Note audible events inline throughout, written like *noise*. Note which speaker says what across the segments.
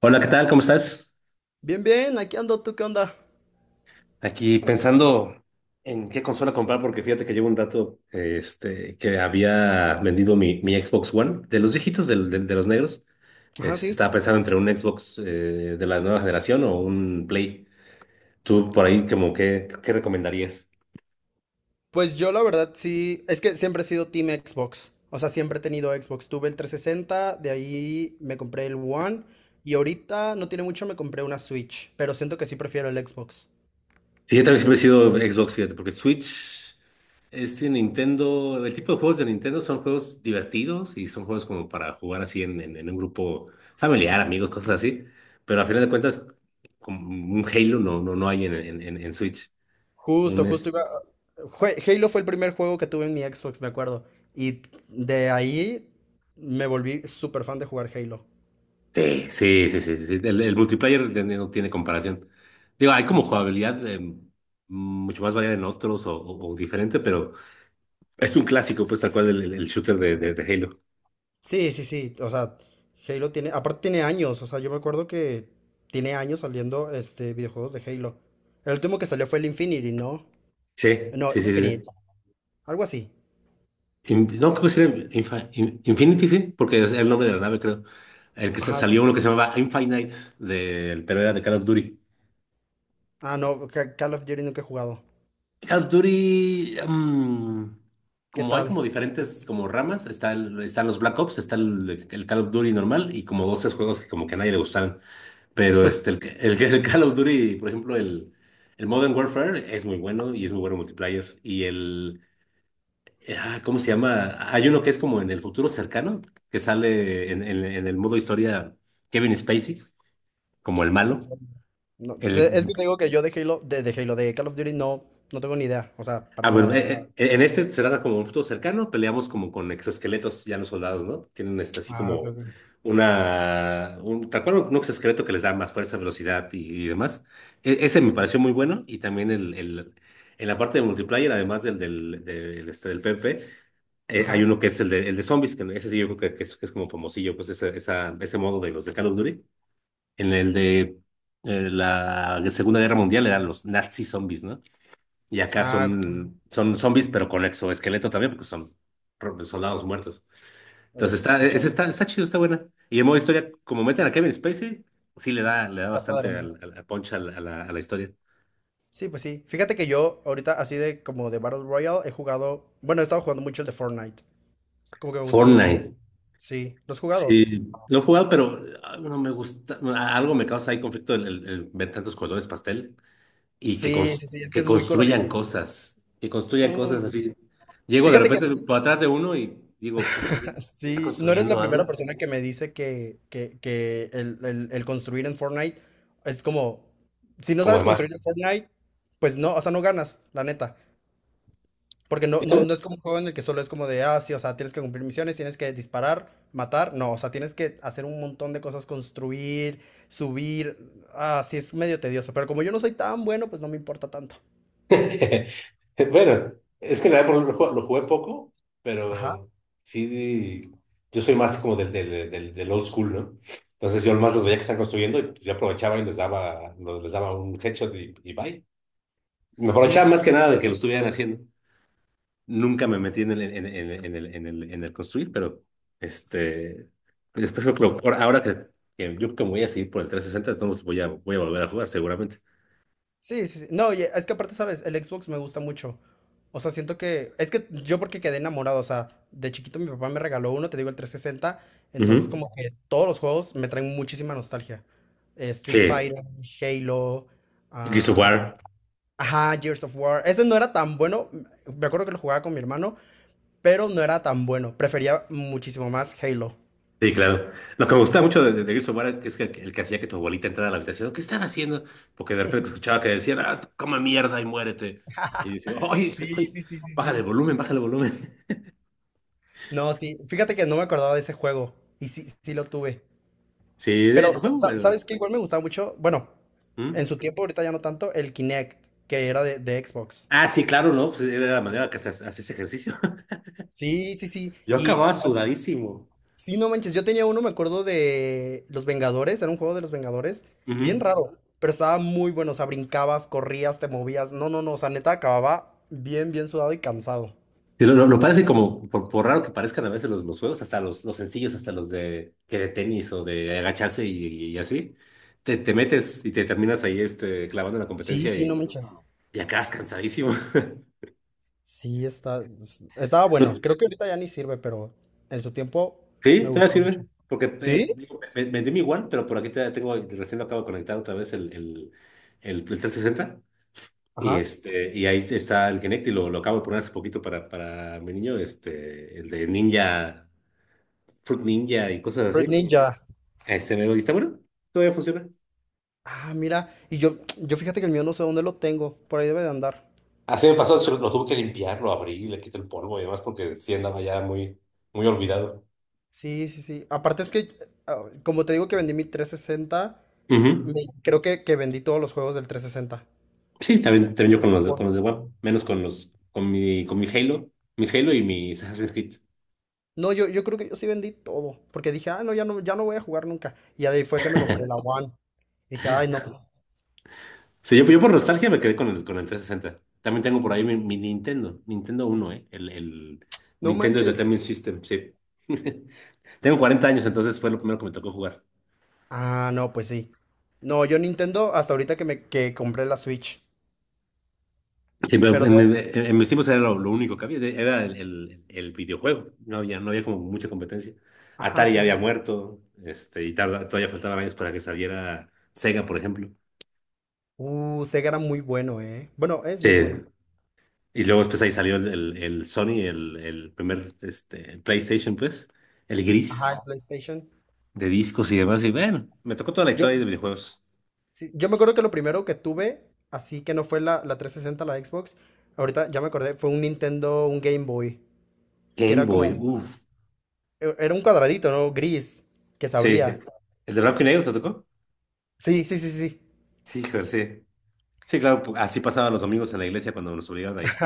Speaker 1: Hola, ¿qué tal? ¿Cómo estás?
Speaker 2: Bien, bien, aquí ando, ¿tú qué onda?
Speaker 1: Aquí pensando en qué consola comprar, porque fíjate que llevo un rato que había vendido mi Xbox One, de los viejitos, de los negros.
Speaker 2: Ajá,
Speaker 1: Este,
Speaker 2: sí.
Speaker 1: estaba pensando entre un Xbox de la nueva generación o un Play. ¿Tú por ahí como qué recomendarías?
Speaker 2: Pues yo la verdad sí, es que siempre he sido Team Xbox. O sea, siempre he tenido Xbox. Tuve el 360, de ahí me compré el One y ahorita no tiene mucho me compré una Switch, pero siento que sí prefiero el Xbox.
Speaker 1: Sí, yo también siempre he sido Xbox, fíjate, porque Switch es de Nintendo. El tipo de juegos de Nintendo son juegos divertidos y son juegos como para jugar así en, en un grupo familiar, amigos, cosas así. Pero a final de cuentas, como un Halo no, no, no hay en, en Switch.
Speaker 2: Justo,
Speaker 1: Un
Speaker 2: justo
Speaker 1: este.
Speaker 2: iba... Halo fue el primer juego que tuve en mi Xbox, me acuerdo. Y de ahí me volví súper fan de jugar Halo.
Speaker 1: Sí, sí, sí, sí, sí. El multiplayer no tiene comparación. Digo, hay como jugabilidad mucho más variada en otros o, o diferente, pero es un clásico, pues tal cual el, el shooter de Halo.
Speaker 2: Sí, sí, sí. O sea, Halo tiene. Aparte tiene años. O sea, yo me acuerdo que tiene años saliendo este videojuegos de Halo. El último que salió fue el Infinity, ¿no?
Speaker 1: Sí,
Speaker 2: No,
Speaker 1: sí, sí, sí,
Speaker 2: Infinite.
Speaker 1: sí.
Speaker 2: Algo así.
Speaker 1: No, creo que sí era Infinity, sí, porque es el nombre de la nave, creo. El que sa-
Speaker 2: Ajá, sí.
Speaker 1: salió
Speaker 2: Sí.
Speaker 1: uno que se llamaba Infinite, pero era de Call of Duty.
Speaker 2: Ah, no, Call of Duty nunca he jugado.
Speaker 1: Call of Duty,
Speaker 2: ¿Qué
Speaker 1: como hay como
Speaker 2: tal?
Speaker 1: diferentes como ramas, está están los Black Ops, está el Call of Duty normal y como dos, tres juegos que como que a nadie le gustaron. Pero el Call of Duty, por ejemplo, el Modern Warfare es muy bueno y es muy bueno multiplayer. Y ¿cómo se llama? Hay uno que es como en el futuro cercano, que sale en, en el modo historia Kevin Spacey, como el malo.
Speaker 2: No, es
Speaker 1: El,
Speaker 2: que te digo que yo de Halo, de Halo, de Call of Duty no, no tengo ni idea. O sea, para
Speaker 1: bueno,
Speaker 2: nada.
Speaker 1: en este será como un futuro cercano, peleamos como con exoesqueletos, ya los soldados, ¿no? Tienen así
Speaker 2: Ah, ok,
Speaker 1: como
Speaker 2: ok.
Speaker 1: un, tal cual un exoesqueleto que les da más fuerza, velocidad y demás. Ese me pareció muy bueno y también el, en la parte de multiplayer, además del PvP. Hay
Speaker 2: Ajá.
Speaker 1: uno que es el de zombies, que ese sí yo creo que es como famosillo, pues ese modo de los de Call of Duty. En el de la Segunda Guerra Mundial eran los Nazi zombies, ¿no? Y acá
Speaker 2: Ah, ok.
Speaker 1: son, zombies, pero con exoesqueleto también, porque son soldados muertos.
Speaker 2: A ver
Speaker 1: Entonces
Speaker 2: si
Speaker 1: está, ese
Speaker 2: escuchaba.
Speaker 1: está, está chido, está buena. Y en modo historia, como meten a Kevin Spacey, sí le da
Speaker 2: Está padre,
Speaker 1: bastante
Speaker 2: ¿no?
Speaker 1: al punch a la historia.
Speaker 2: Sí, pues sí. Fíjate que yo ahorita así de como de Battle Royale he jugado. Bueno, he estado jugando mucho el de Fortnite. Como que me gusta mucho.
Speaker 1: Fortnite.
Speaker 2: Sí. ¿Lo has jugado?
Speaker 1: Sí, lo he jugado, pero no me gusta. No, algo me causa ahí conflicto el, el ver tantos colores pastel y que,
Speaker 2: Sí,
Speaker 1: cons-
Speaker 2: sí, sí, es que
Speaker 1: que
Speaker 2: es muy colorido.
Speaker 1: construyan cosas. Que construyan
Speaker 2: Uy,
Speaker 1: cosas así. Llego de
Speaker 2: fíjate que no
Speaker 1: repente
Speaker 2: eres,
Speaker 1: por atrás de uno y digo, ¿qué está
Speaker 2: *laughs*
Speaker 1: haciendo? ¿Está
Speaker 2: sí, no eres la
Speaker 1: construyendo
Speaker 2: primera
Speaker 1: algo?
Speaker 2: persona que me dice que el, el construir en Fortnite es como, si no
Speaker 1: Como
Speaker 2: sabes construir en
Speaker 1: demás.
Speaker 2: Fortnite, pues no, o sea, no ganas, la neta. Porque no, no, no es como un juego en el que solo es como de, ah, sí, o sea, tienes que cumplir misiones, tienes que disparar, matar. No, o sea, tienes que hacer un montón de cosas, construir, subir. Ah, sí, es medio tedioso. Pero como yo no soy tan bueno, pues no me importa tanto.
Speaker 1: *laughs* Bueno, es que en la verdad lo jugué poco, pero sí, yo soy más como del old school, ¿no? Entonces yo más los veía que están construyendo y pues, yo aprovechaba y les daba un headshot y bye. Me
Speaker 2: Sí,
Speaker 1: aprovechaba
Speaker 2: sí,
Speaker 1: más que
Speaker 2: sí.
Speaker 1: nada de que lo estuvieran haciendo. Nunca me metí en el, en el, en el, en el construir, pero este, pues después creo que ahora ahora que yo creo que me voy a seguir por el 360, entonces voy a volver a jugar seguramente.
Speaker 2: Sí, sí, sí. No, y es que aparte, ¿sabes? El Xbox me gusta mucho. O sea, siento que. Es que yo porque quedé enamorado. O sea, de chiquito mi papá me regaló uno, te digo, el 360. Entonces,
Speaker 1: Ujú.
Speaker 2: como que todos los juegos me traen muchísima nostalgia. Street
Speaker 1: Sí,
Speaker 2: Fighter, Halo.
Speaker 1: Gears of
Speaker 2: ah,
Speaker 1: War.
Speaker 2: ajá, Gears of War. Ese no era tan bueno. Me acuerdo que lo jugaba con mi hermano, pero no era tan bueno. Prefería muchísimo más Halo.
Speaker 1: Sí, claro. Lo que me gustaba mucho de Gears of War es que el que hacía que tu abuelita entrara a la habitación, ¿qué están haciendo? Porque de repente escuchaba que decían, ah, come mierda y muérete. Y yo decía, ay,
Speaker 2: Sí,
Speaker 1: ay,
Speaker 2: sí, sí, sí,
Speaker 1: bájale el
Speaker 2: sí.
Speaker 1: volumen, bájale el volumen.
Speaker 2: No, sí. Fíjate que no me acordaba de ese juego. Y sí, sí lo tuve.
Speaker 1: *laughs* Sí,
Speaker 2: Pero,
Speaker 1: fue bueno.
Speaker 2: ¿sabes qué? Igual me gustaba mucho, bueno, en
Speaker 1: ¿Mm?
Speaker 2: su tiempo, ahorita ya no tanto, el Kinect, que era de Xbox.
Speaker 1: Ah, sí, claro, ¿no? Pues era la manera que hacías ejercicio. *laughs*
Speaker 2: Sí, sí, sí.
Speaker 1: Yo
Speaker 2: Y
Speaker 1: acababa sudadísimo.
Speaker 2: sí, no manches, yo tenía uno, me acuerdo de Los Vengadores, era un juego de Los Vengadores, bien
Speaker 1: Ujú.
Speaker 2: raro, pero estaba muy bueno, o sea, brincabas, corrías, te movías. No, no, no, o sea, neta acababa bien, bien sudado y cansado.
Speaker 1: Sí, lo parece como, por raro que parezcan a veces los, juegos, hasta los sencillos, hasta los de tenis o de agacharse y así, te metes y te terminas ahí clavando en la
Speaker 2: Sí,
Speaker 1: competencia
Speaker 2: sí, no
Speaker 1: y,
Speaker 2: manches.
Speaker 1: y acabas cansadísimo. *laughs*
Speaker 2: Sí, está, estaba bueno.
Speaker 1: No-
Speaker 2: Creo que ahorita ya ni sirve, pero en su tiempo me
Speaker 1: sí, todavía
Speaker 2: gustó
Speaker 1: sirve,
Speaker 2: mucho.
Speaker 1: porque
Speaker 2: ¿Sí?
Speaker 1: digo, vendí mi One, pero por aquí tengo, recién lo acabo de conectar otra vez el 360. Y,
Speaker 2: Ajá.
Speaker 1: este, y ahí está el Kinect y lo acabo de poner hace poquito para mi niño, el de Ninja, Fruit Ninja y cosas
Speaker 2: Fruit
Speaker 1: así.
Speaker 2: Ninja.
Speaker 1: Ese mero, y está bueno, todavía funciona.
Speaker 2: Ah, mira, y yo fíjate que el mío no sé dónde lo tengo, por ahí debe de andar.
Speaker 1: Así me pasó, lo tuve que limpiar, lo abrí, le quité el polvo y demás porque sí andaba ya muy, muy olvidado.
Speaker 2: Sí, sí, sí. Aparte es que, como te digo que vendí mi 360,
Speaker 1: Ujú.
Speaker 2: me- creo que vendí todos los juegos del 360.
Speaker 1: Sí, también yo con los de,
Speaker 2: Por-
Speaker 1: con los de WAP, menos con mi Halo, mis Halo y mis Assassin's Creed.
Speaker 2: No, yo creo que yo sí vendí todo, porque dije, ah, no, ya no, ya no voy a jugar nunca. Y ahí fue que me compré la One. Dije, ay, no, pues,
Speaker 1: Sí, yo por nostalgia me quedé con el 360. También tengo por ahí mi Nintendo, Nintendo uno, ¿eh? El
Speaker 2: no
Speaker 1: Nintendo
Speaker 2: manches.
Speaker 1: Entertainment System, sí. *laughs* Tengo 40 años, entonces fue lo primero que me tocó jugar.
Speaker 2: Ah, no, pues sí. No, yo Nintendo hasta ahorita que me que compré la Switch.
Speaker 1: Sí, pero
Speaker 2: Pero
Speaker 1: en,
Speaker 2: de...
Speaker 1: mi- en mis tiempos era lo único que había, era el, el videojuego, no había como mucha competencia.
Speaker 2: Ajá,
Speaker 1: Atari ya
Speaker 2: sí, sí.
Speaker 1: había
Speaker 2: Sí.
Speaker 1: muerto, y todavía faltaban años para que saliera Sega, por ejemplo.
Speaker 2: Sega era muy bueno, ¿eh? Bueno, es
Speaker 1: Sí,
Speaker 2: muy bueno.
Speaker 1: y luego después ahí salió el Sony, el primer PlayStation, pues, el
Speaker 2: Ajá, el
Speaker 1: gris,
Speaker 2: PlayStation.
Speaker 1: de discos y demás. Y bueno, me tocó toda la
Speaker 2: Yo,
Speaker 1: historia de videojuegos.
Speaker 2: sí, yo me acuerdo que lo primero que tuve, así que no fue la, la 360 la Xbox, ahorita ya me acordé, fue un Nintendo, un Game Boy, que
Speaker 1: Game
Speaker 2: era como,
Speaker 1: Boy, uff.
Speaker 2: era un cuadradito, ¿no? Gris, que se
Speaker 1: Sí.
Speaker 2: abría.
Speaker 1: ¿El de blanco y negro te tocó?
Speaker 2: Sí, sí, sí, sí.
Speaker 1: Sí, joder, sí. Sí, claro, así pasaban los domingos en la iglesia cuando nos obligaban a ir.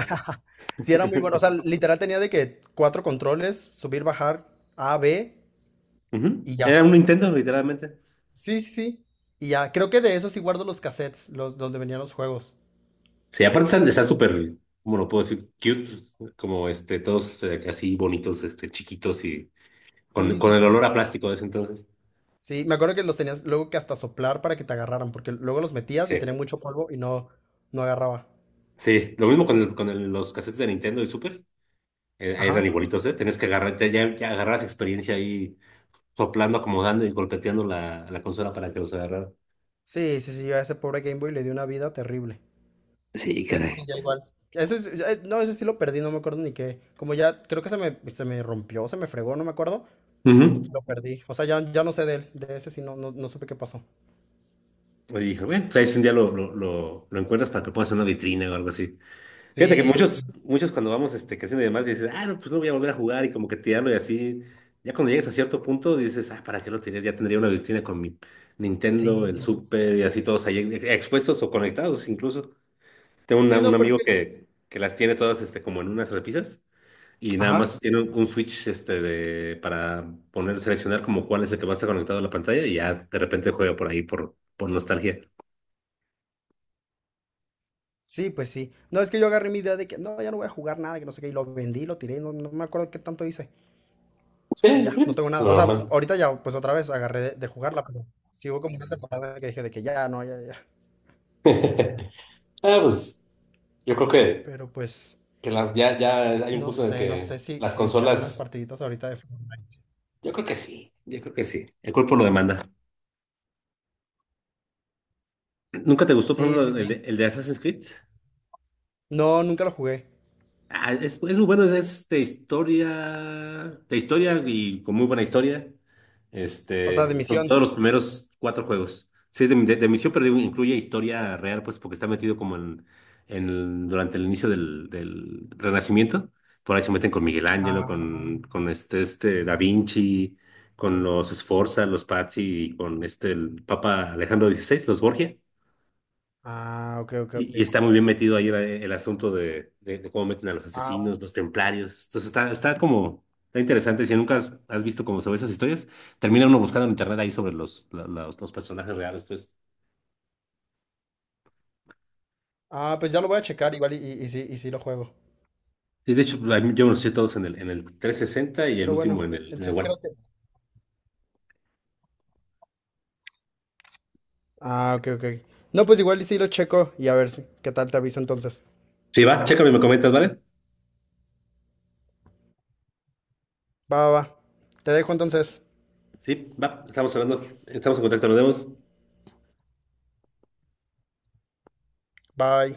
Speaker 2: Sí, era muy bueno. O sea,
Speaker 1: *laughs*
Speaker 2: literal tenía de que cuatro controles, subir, bajar, A, B
Speaker 1: Ujú.
Speaker 2: y ya.
Speaker 1: Era un Nintendo, literalmente.
Speaker 2: Sí, sí, sí. Y ya, creo que de eso sí guardo los cassettes, los donde venían los juegos.
Speaker 1: Sí, aparte están, súper, ¿cómo lo puedo decir? Cute, como todos así bonitos, chiquitos y con,
Speaker 2: Sí, sí,
Speaker 1: con el
Speaker 2: sí.
Speaker 1: olor a plástico de ese entonces.
Speaker 2: Sí, me acuerdo que los tenías luego que hasta soplar para que te agarraran, porque luego los metías y tenía
Speaker 1: Sí,
Speaker 2: mucho polvo y no, no agarraba.
Speaker 1: sí, lo mismo con los cassettes de Nintendo y Super, eran
Speaker 2: Ajá.
Speaker 1: igualitos, ¿eh? Tenías que agarrar, ya agarrabas experiencia ahí soplando, acomodando y golpeteando la consola para que los agarrara.
Speaker 2: Sí, sí, sí, yo a ese pobre Game Boy le di una vida terrible.
Speaker 1: Sí,
Speaker 2: Ese sí,
Speaker 1: caray.
Speaker 2: ya igual. Ese, ya no, ese sí lo perdí, no me acuerdo ni qué. Como ya, creo que se me rompió, se me fregó, no me acuerdo. Y
Speaker 1: Ujú.
Speaker 2: lo perdí. O sea, ya, ya no sé de él. De ese sí no, no, no supe qué pasó.
Speaker 1: Y dije, bueno, pues ahí si un día lo encuentras para que puedas hacer una vitrina o algo así. Fíjate que
Speaker 2: Sí, sí, sí.
Speaker 1: muchos cuando vamos creciendo y demás, dices, ah, no, pues no voy a volver a jugar y como que tirarlo y así. Ya cuando llegues a cierto punto dices, ah, ¿para qué lo tiré? Ya tendría una vitrina con mi Nintendo,
Speaker 2: Sí,
Speaker 1: el Super y así todos ahí expuestos o conectados incluso. Tengo una-
Speaker 2: sí,
Speaker 1: un
Speaker 2: no, pero es
Speaker 1: amigo
Speaker 2: que...
Speaker 1: que las tiene todas como en unas repisas. Y nada
Speaker 2: Ajá.
Speaker 1: más tiene un switch para poner, seleccionar como cuál es el que va a estar conectado a la pantalla y ya de repente juega por ahí por nostalgia.
Speaker 2: Sí, pues sí. No, es que yo agarré mi idea de que no, ya no voy a jugar nada, que no sé qué. Y lo vendí, lo tiré, no, no me acuerdo qué tanto hice. Y
Speaker 1: Sí,
Speaker 2: ya, no tengo
Speaker 1: es
Speaker 2: nada. O sea,
Speaker 1: normal.
Speaker 2: ahorita ya, pues otra vez agarré de jugarla, pero sí hubo como una temporada que dije de que ya, no, ya, ya.
Speaker 1: *laughs* Ah, pues yo creo que,
Speaker 2: Pero pues...
Speaker 1: que ya hay un
Speaker 2: No
Speaker 1: punto en el
Speaker 2: sé, no sé
Speaker 1: que
Speaker 2: si,
Speaker 1: las
Speaker 2: si echarme unas
Speaker 1: consolas,
Speaker 2: partiditas ahorita de fútbol.
Speaker 1: yo creo que sí, yo creo que sí. El cuerpo lo demanda. ¿Nunca te gustó, por
Speaker 2: Sí, sí,
Speaker 1: ejemplo,
Speaker 2: sí.
Speaker 1: el de Assassin's Creed?
Speaker 2: No, nunca lo jugué.
Speaker 1: Ah, es muy bueno, es de historia y con muy buena historia.
Speaker 2: O sea, de
Speaker 1: Son
Speaker 2: misión.
Speaker 1: todos los primeros cuatro juegos. Sí, es de misión, pero incluye historia real, pues porque está metido como durante el inicio del Renacimiento. Por ahí se meten con Miguel Ángel,
Speaker 2: Ah,
Speaker 1: con este Da Vinci, con los Sforza, los Pazzi y con el Papa Alejandro XVI, los Borgia.
Speaker 2: ah, ok, ok,
Speaker 1: Y
Speaker 2: ok.
Speaker 1: está muy bien metido ahí el asunto de cómo meten a los
Speaker 2: Ah,
Speaker 1: asesinos, los templarios. Entonces está interesante. Si nunca has visto cómo se ve esas historias, termina uno buscando en internet ahí sobre los personajes reales, pues.
Speaker 2: pues ya lo voy a checar igual y sí lo juego.
Speaker 1: Sí, de hecho, yo me los eché todos en el 360 y el
Speaker 2: Pero bueno,
Speaker 1: último en el
Speaker 2: entonces
Speaker 1: One.
Speaker 2: creo que... Ah, ok, ok. No, pues igual y sí lo checo y a ver qué tal te aviso entonces.
Speaker 1: Sí, va, chécalo y me comentas, ¿vale?
Speaker 2: Va, va, va. Te dejo entonces.
Speaker 1: Sí, va, estamos hablando, estamos en contacto, nos vemos.
Speaker 2: Bye.